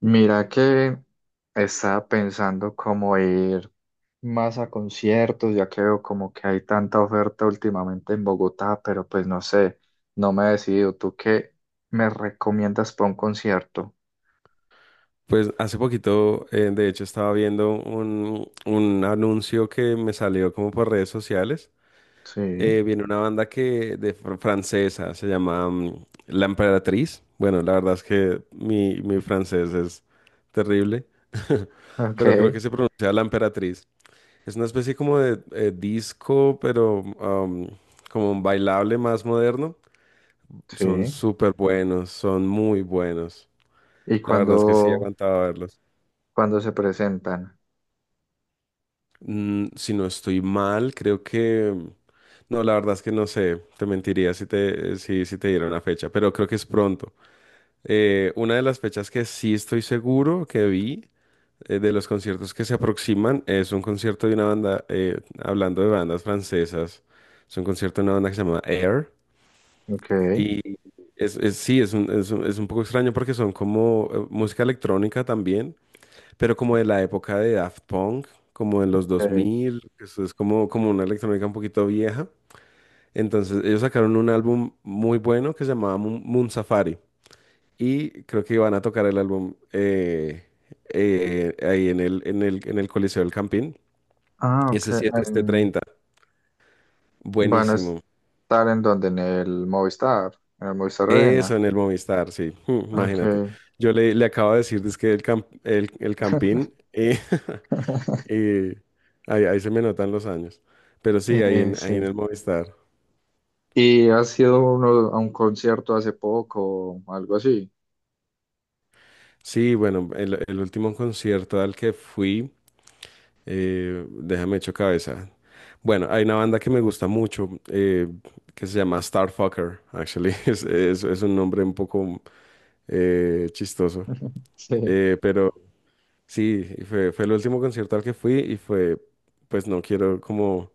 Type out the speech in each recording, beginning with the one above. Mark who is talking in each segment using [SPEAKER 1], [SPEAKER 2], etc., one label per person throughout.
[SPEAKER 1] Mira que estaba pensando cómo ir más a conciertos, ya que veo como que hay tanta oferta últimamente en Bogotá, pero pues no sé, no me he decidido. ¿Tú qué me recomiendas para un concierto?
[SPEAKER 2] Pues hace poquito, de hecho, estaba viendo un anuncio que me salió como por redes sociales.
[SPEAKER 1] Sí,
[SPEAKER 2] Viene una banda que de francesa, se llama La Emperatriz. Bueno, la verdad es que mi francés es terrible.
[SPEAKER 1] ok,
[SPEAKER 2] Pero creo que se pronuncia La Emperatriz. Es una especie como de disco, pero como un bailable más moderno.
[SPEAKER 1] sí.
[SPEAKER 2] Son súper buenos, son muy buenos.
[SPEAKER 1] ¿Y
[SPEAKER 2] La verdad es que sí
[SPEAKER 1] cuándo,
[SPEAKER 2] aguantaba verlos.
[SPEAKER 1] cuándo se presentan?
[SPEAKER 2] Si no estoy mal, creo que. No, la verdad es que no sé, te mentiría si te, si te diera una fecha, pero creo que es pronto. Una de las fechas que sí estoy seguro que vi, de los conciertos que se aproximan, es un concierto de una banda, hablando de bandas francesas, es un concierto de una banda que se llama Air.
[SPEAKER 1] Ok,
[SPEAKER 2] Y sí, es un poco extraño, porque son como música electrónica también, pero como de la época de Daft Punk, como de los
[SPEAKER 1] ok.
[SPEAKER 2] 2000, que eso es como, una electrónica un poquito vieja. Entonces ellos sacaron un álbum muy bueno que se llamaba Moon Safari, y creo que iban a tocar el álbum ahí en el Coliseo del Campín.
[SPEAKER 1] Ah, ok.
[SPEAKER 2] Ese 7, este
[SPEAKER 1] en-
[SPEAKER 2] 30,
[SPEAKER 1] Van a
[SPEAKER 2] buenísimo.
[SPEAKER 1] estar en donde, en el Movistar Arena.
[SPEAKER 2] Eso en el Movistar, sí.
[SPEAKER 1] Ok,
[SPEAKER 2] Imagínate. Yo le acabo de decir que el Campín. Y ahí se me notan los años. Pero sí, ahí en, ahí
[SPEAKER 1] sí.
[SPEAKER 2] en el Movistar.
[SPEAKER 1] ¿Y has ido a un concierto hace poco o algo así?
[SPEAKER 2] Sí, bueno, el último concierto al que fui, déjame echo cabeza. Bueno, hay una banda que me gusta mucho, que se llama Starfucker, actually. Es un nombre un poco chistoso.
[SPEAKER 1] Sí,
[SPEAKER 2] Pero sí, y fue el último concierto al que fui, y fue, pues, no quiero como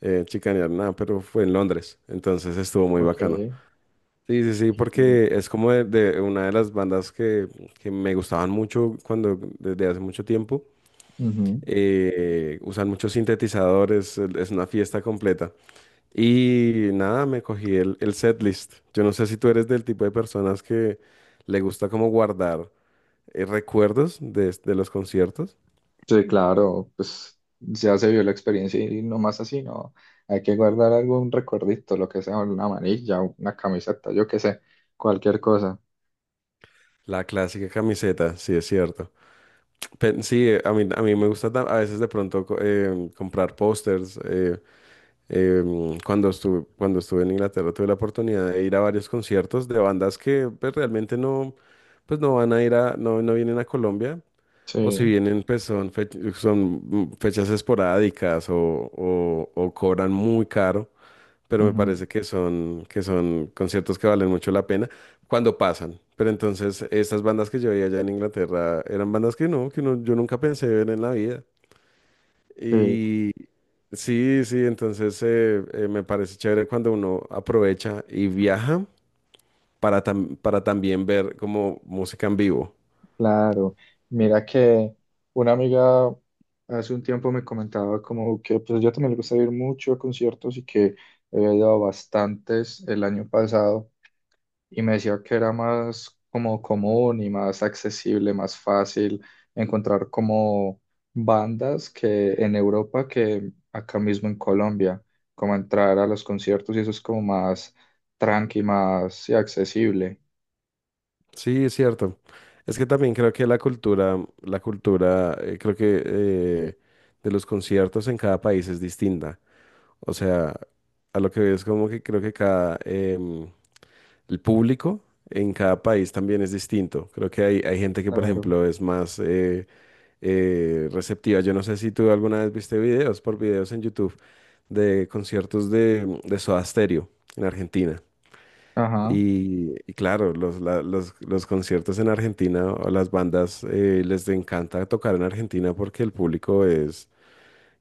[SPEAKER 2] chicanear nada, pero fue en Londres. Entonces estuvo muy
[SPEAKER 1] ok.
[SPEAKER 2] bacano. Sí, sí, sí,
[SPEAKER 1] Y-
[SPEAKER 2] porque es como de una de las bandas que me gustaban mucho cuando, desde hace mucho tiempo,
[SPEAKER 1] Ujú.
[SPEAKER 2] usan muchos sintetizadores. Es una fiesta completa. Y nada, me cogí el setlist. Yo no sé si tú eres del tipo de personas que le gusta como guardar recuerdos de los conciertos.
[SPEAKER 1] Sí, claro, pues ya se vio la experiencia y no más así, ¿no? Hay que guardar algún recuerdito, lo que sea, una manilla, una camiseta, yo qué sé, cualquier cosa.
[SPEAKER 2] La clásica camiseta, sí, es cierto. Sí, a mí me gusta, a veces, de pronto, comprar pósters. Cuando estuve en Inglaterra, tuve la oportunidad de ir a varios conciertos de bandas que, pues, realmente no, pues, no van a ir a, no, no vienen a Colombia, o si
[SPEAKER 1] Sí,
[SPEAKER 2] vienen, pues son, son fechas esporádicas, o cobran muy caro, pero me
[SPEAKER 1] ujú,
[SPEAKER 2] parece que son conciertos que valen mucho la pena cuando pasan. Pero entonces, estas bandas que yo veía allá en Inglaterra eran bandas que no, yo nunca pensé ver en la vida.
[SPEAKER 1] sí.
[SPEAKER 2] Y sí, sí, entonces, me parece chévere cuando uno aprovecha y viaja para también ver como música en vivo.
[SPEAKER 1] Claro, mira que una amiga hace un tiempo me comentaba como que pues yo también le gusta ir mucho a conciertos y que había ido a bastantes el año pasado, y me decía que era más como común y más accesible, más fácil encontrar como bandas que en Europa que acá mismo en Colombia, como entrar a los conciertos y eso es como más tranqui, más sí, accesible.
[SPEAKER 2] Sí, es cierto. Es que también creo que la cultura, creo que, de los conciertos, en cada país es distinta. O sea, a lo que veo es como que creo que cada, el público en cada país también es distinto. Creo que hay gente que, por
[SPEAKER 1] Claro.
[SPEAKER 2] ejemplo, es más receptiva. Yo no sé si tú alguna vez viste videos, por videos en YouTube, de conciertos de Soda Stereo en Argentina.
[SPEAKER 1] Ajá,
[SPEAKER 2] Y claro, los conciertos en Argentina, o las bandas, les encanta tocar en Argentina porque el público es,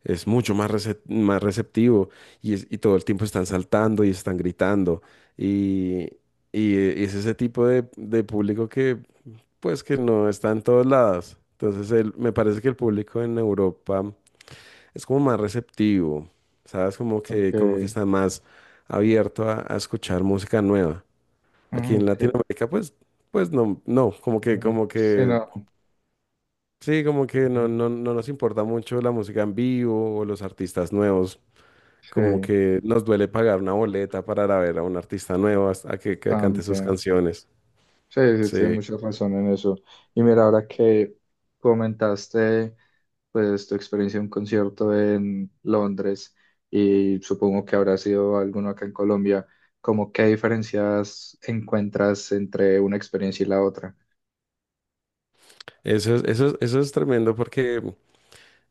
[SPEAKER 2] es mucho más, más receptivo, y todo el tiempo están saltando y están gritando. Y, y es ese tipo de público que, pues, que no está en todos lados. Entonces, me parece que el público en Europa es como más receptivo, ¿sabes? Como
[SPEAKER 1] ok.
[SPEAKER 2] que, como que está más abierto a escuchar música nueva. Aquí
[SPEAKER 1] Ah,
[SPEAKER 2] en
[SPEAKER 1] ok.
[SPEAKER 2] Latinoamérica, pues, no, no, como que,
[SPEAKER 1] Mm, sí, no.
[SPEAKER 2] sí, como que no, no, no nos importa mucho la música en vivo o los artistas nuevos. Como
[SPEAKER 1] Sí,
[SPEAKER 2] que nos duele pagar una boleta para ir a ver a un artista nuevo a que cante sus
[SPEAKER 1] también.
[SPEAKER 2] canciones.
[SPEAKER 1] Sí, sí, tienes
[SPEAKER 2] Sí,
[SPEAKER 1] mucha razón en eso. Y mira, ahora que comentaste pues tu experiencia en un concierto en Londres, y supongo que habrá sido alguno acá en Colombia, ¿cómo qué diferencias encuentras entre una experiencia y la otra?
[SPEAKER 2] eso es tremendo porque,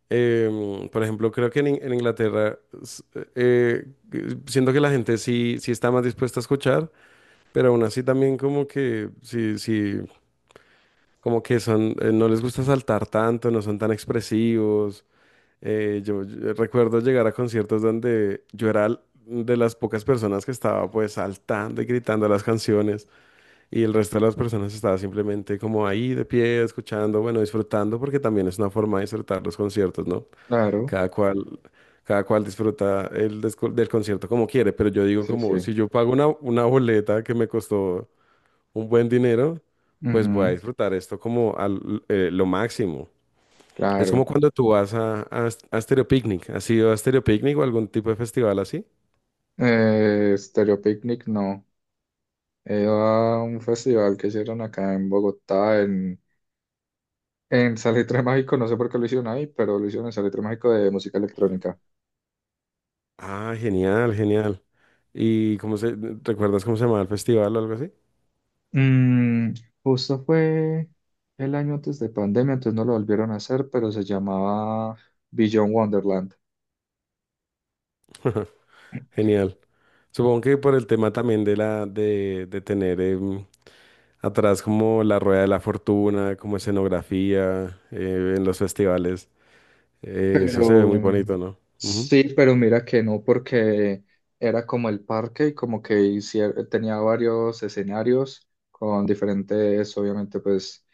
[SPEAKER 2] Por ejemplo, creo que en Inglaterra, eh, siento que la gente sí, sí está más dispuesta a escuchar, pero aún así también como que sí, sí, como que son, no les gusta saltar tanto, no son tan expresivos. Yo recuerdo llegar a conciertos donde yo era de las pocas personas que estaba, pues, saltando y gritando las canciones, y el resto de las personas estaba simplemente como ahí, de pie, escuchando, bueno, disfrutando, porque también es una forma de disfrutar los conciertos, ¿no?
[SPEAKER 1] Claro,
[SPEAKER 2] Cada cual, disfruta del concierto como quiere, pero yo digo,
[SPEAKER 1] sí,
[SPEAKER 2] como, si
[SPEAKER 1] sí.
[SPEAKER 2] yo pago una, boleta que me costó un buen dinero, pues voy a
[SPEAKER 1] Ujú,
[SPEAKER 2] disfrutar esto, como al, lo máximo. Es como
[SPEAKER 1] claro.
[SPEAKER 2] cuando tú vas a Stereo Picnic. ¿Has ido a Stereo Picnic o algún tipo de festival así?
[SPEAKER 1] Stereo Picnic no. Era un festival que hicieron acá en Bogotá. En Salitre Mágico, no sé por qué lo hicieron ahí, pero lo hicieron en Salitre Mágico de música electrónica.
[SPEAKER 2] Ah, genial, genial. ¿Y cómo se, recuerdas cómo se llamaba el festival o algo así?
[SPEAKER 1] Mm, Justo fue el año antes de pandemia, entonces no lo volvieron a hacer, pero se llamaba Beyond Wonderland.
[SPEAKER 2] Genial. Supongo que por el tema también de tener, atrás, como la rueda de la fortuna, como escenografía, en los festivales. Eso se ve
[SPEAKER 1] Pero
[SPEAKER 2] muy bonito, ¿no? Ujú.
[SPEAKER 1] sí, pero mira que no, porque era como el parque y como que tenía varios escenarios con diferentes, obviamente, pues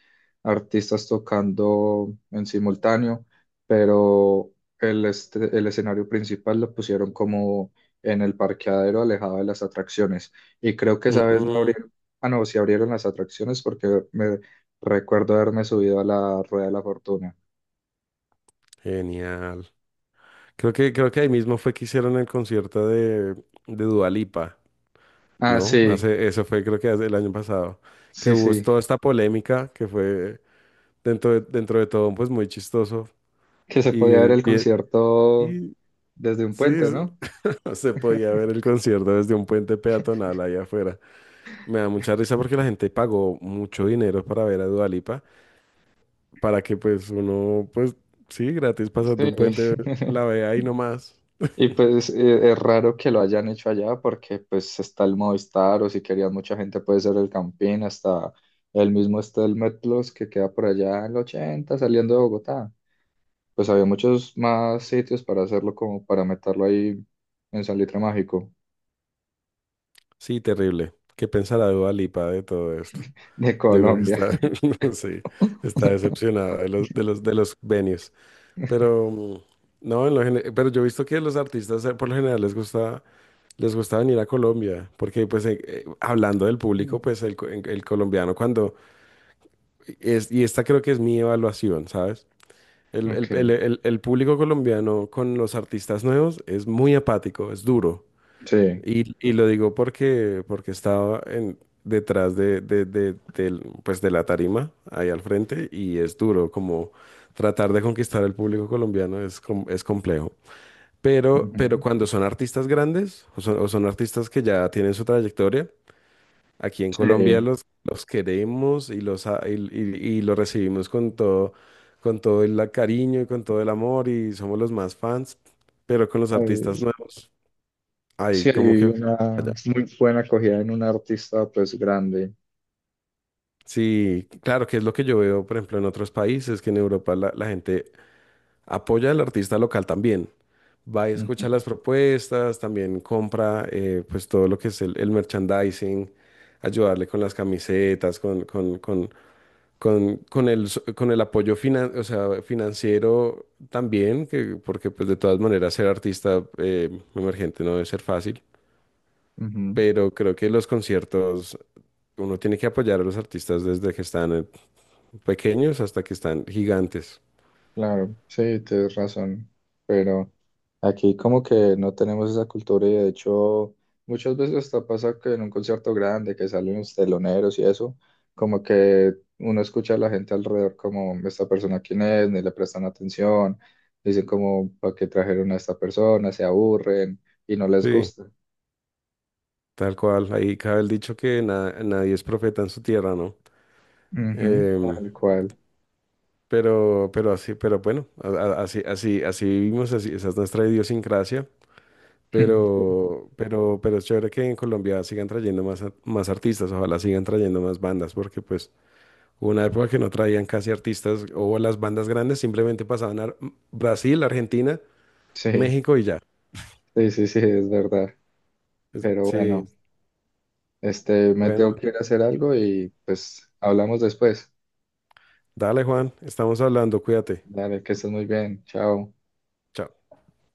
[SPEAKER 1] artistas tocando en simultáneo, pero el escenario principal lo pusieron como en el parqueadero alejado de las atracciones. Y creo que esa vez no
[SPEAKER 2] Mm,
[SPEAKER 1] abrieron, ah, no, sí abrieron las atracciones porque me recuerdo haberme subido a la rueda de la fortuna.
[SPEAKER 2] genial. Creo que ahí mismo fue que hicieron el concierto de Dua Lipa,
[SPEAKER 1] Ah,
[SPEAKER 2] ¿no?
[SPEAKER 1] sí,
[SPEAKER 2] Eso fue, creo que, hace el año pasado, que
[SPEAKER 1] sí,
[SPEAKER 2] hubo,
[SPEAKER 1] sí.
[SPEAKER 2] toda esta polémica, que fue, dentro de, todo, pues, muy chistoso,
[SPEAKER 1] Que se podía ver
[SPEAKER 2] y
[SPEAKER 1] el
[SPEAKER 2] bien,
[SPEAKER 1] concierto
[SPEAKER 2] y
[SPEAKER 1] desde un
[SPEAKER 2] sí,
[SPEAKER 1] puente, ¿no?
[SPEAKER 2] se podía ver el concierto desde un puente peatonal allá afuera. Me da mucha risa porque la gente pagó mucho dinero para ver a Dua Lipa, para que, pues, uno, pues, sí, gratis pasando
[SPEAKER 1] Sí.
[SPEAKER 2] un puente, la vea ahí nomás.
[SPEAKER 1] Y pues es raro que lo hayan hecho allá porque pues está el Movistar, o si querían mucha gente puede ser el Campín, hasta el mismo está el Metlos que queda por allá en el 80 saliendo de Bogotá. Pues había muchos más sitios para hacerlo como para meterlo ahí en Salitre Mágico
[SPEAKER 2] Sí, terrible. ¿Qué pensará Dua Lipa de todo esto?
[SPEAKER 1] de
[SPEAKER 2] Yo creo que
[SPEAKER 1] Colombia.
[SPEAKER 2] está, sí, está decepcionada de los venues. Pero no, pero yo he visto que los artistas, por lo general, les gusta, venir a Colombia, porque, pues, hablando del público,
[SPEAKER 1] Mm.
[SPEAKER 2] pues el colombiano, cuando es, y esta creo que es mi evaluación, ¿sabes? El, el- el-
[SPEAKER 1] Ok,
[SPEAKER 2] el- el público colombiano con los artistas nuevos es muy apático, es duro.
[SPEAKER 1] sí.
[SPEAKER 2] Y lo digo porque, estaba, detrás pues de la tarima, ahí al frente, y es duro como tratar de conquistar el público colombiano. Es complejo. Pero,
[SPEAKER 1] Ujú.
[SPEAKER 2] pero cuando son artistas grandes, o son artistas que ya tienen su trayectoria, aquí en Colombia
[SPEAKER 1] Sí.
[SPEAKER 2] los queremos, y los, a- y los recibimos con todo el, cariño, y con todo el amor, y somos los más fans, pero con los artistas
[SPEAKER 1] Ay,
[SPEAKER 2] nuevos, ahí
[SPEAKER 1] sí,
[SPEAKER 2] como
[SPEAKER 1] hay
[SPEAKER 2] que
[SPEAKER 1] una
[SPEAKER 2] falla.
[SPEAKER 1] muy buena acogida en un artista pues grande.
[SPEAKER 2] Sí, claro, que es lo que yo veo, por ejemplo, en otros países, que en Europa la gente apoya al artista local también. Va y
[SPEAKER 1] Ujú,
[SPEAKER 2] escucha las propuestas, también compra, pues, todo lo que es el merchandising, ayudarle con las camisetas, con, con con el apoyo o sea, financiero también, que, porque, pues, de todas maneras, ser artista emergente no debe ser fácil,
[SPEAKER 1] ujú,
[SPEAKER 2] pero creo que los conciertos, uno tiene que apoyar a los artistas desde que están, pequeños, hasta que están gigantes.
[SPEAKER 1] claro, sí, tienes razón. Pero aquí como que no tenemos esa cultura, y de hecho muchas veces hasta pasa que en un concierto grande que salen los teloneros y eso, como que uno escucha a la gente alrededor como esta persona quién es, ni le prestan atención, dicen como para qué trajeron a esta persona, se aburren y no les
[SPEAKER 2] Sí,
[SPEAKER 1] gusta.
[SPEAKER 2] tal cual. Ahí cabe el dicho que nadie es profeta en su tierra, ¿no?
[SPEAKER 1] Ujú,
[SPEAKER 2] Em,
[SPEAKER 1] tal cual.
[SPEAKER 2] pero así, pero bueno, así vivimos, así, esa es nuestra idiosincrasia. Pero es chévere que en Colombia sigan trayendo más, más artistas, ojalá sigan trayendo más bandas, porque, pues, hubo una época que no traían casi artistas, o las bandas grandes simplemente pasaban a Brasil, Argentina,
[SPEAKER 1] Sí.
[SPEAKER 2] México y ya.
[SPEAKER 1] Sí, sí, sí, es verdad.
[SPEAKER 2] Es-
[SPEAKER 1] Pero bueno,
[SPEAKER 2] Sí,
[SPEAKER 1] me tengo
[SPEAKER 2] bueno,
[SPEAKER 1] que ir a hacer algo y pues hablamos después.
[SPEAKER 2] dale Juan, estamos hablando, cuídate.
[SPEAKER 1] Dale, que estés muy bien. Chao.
[SPEAKER 2] Chao.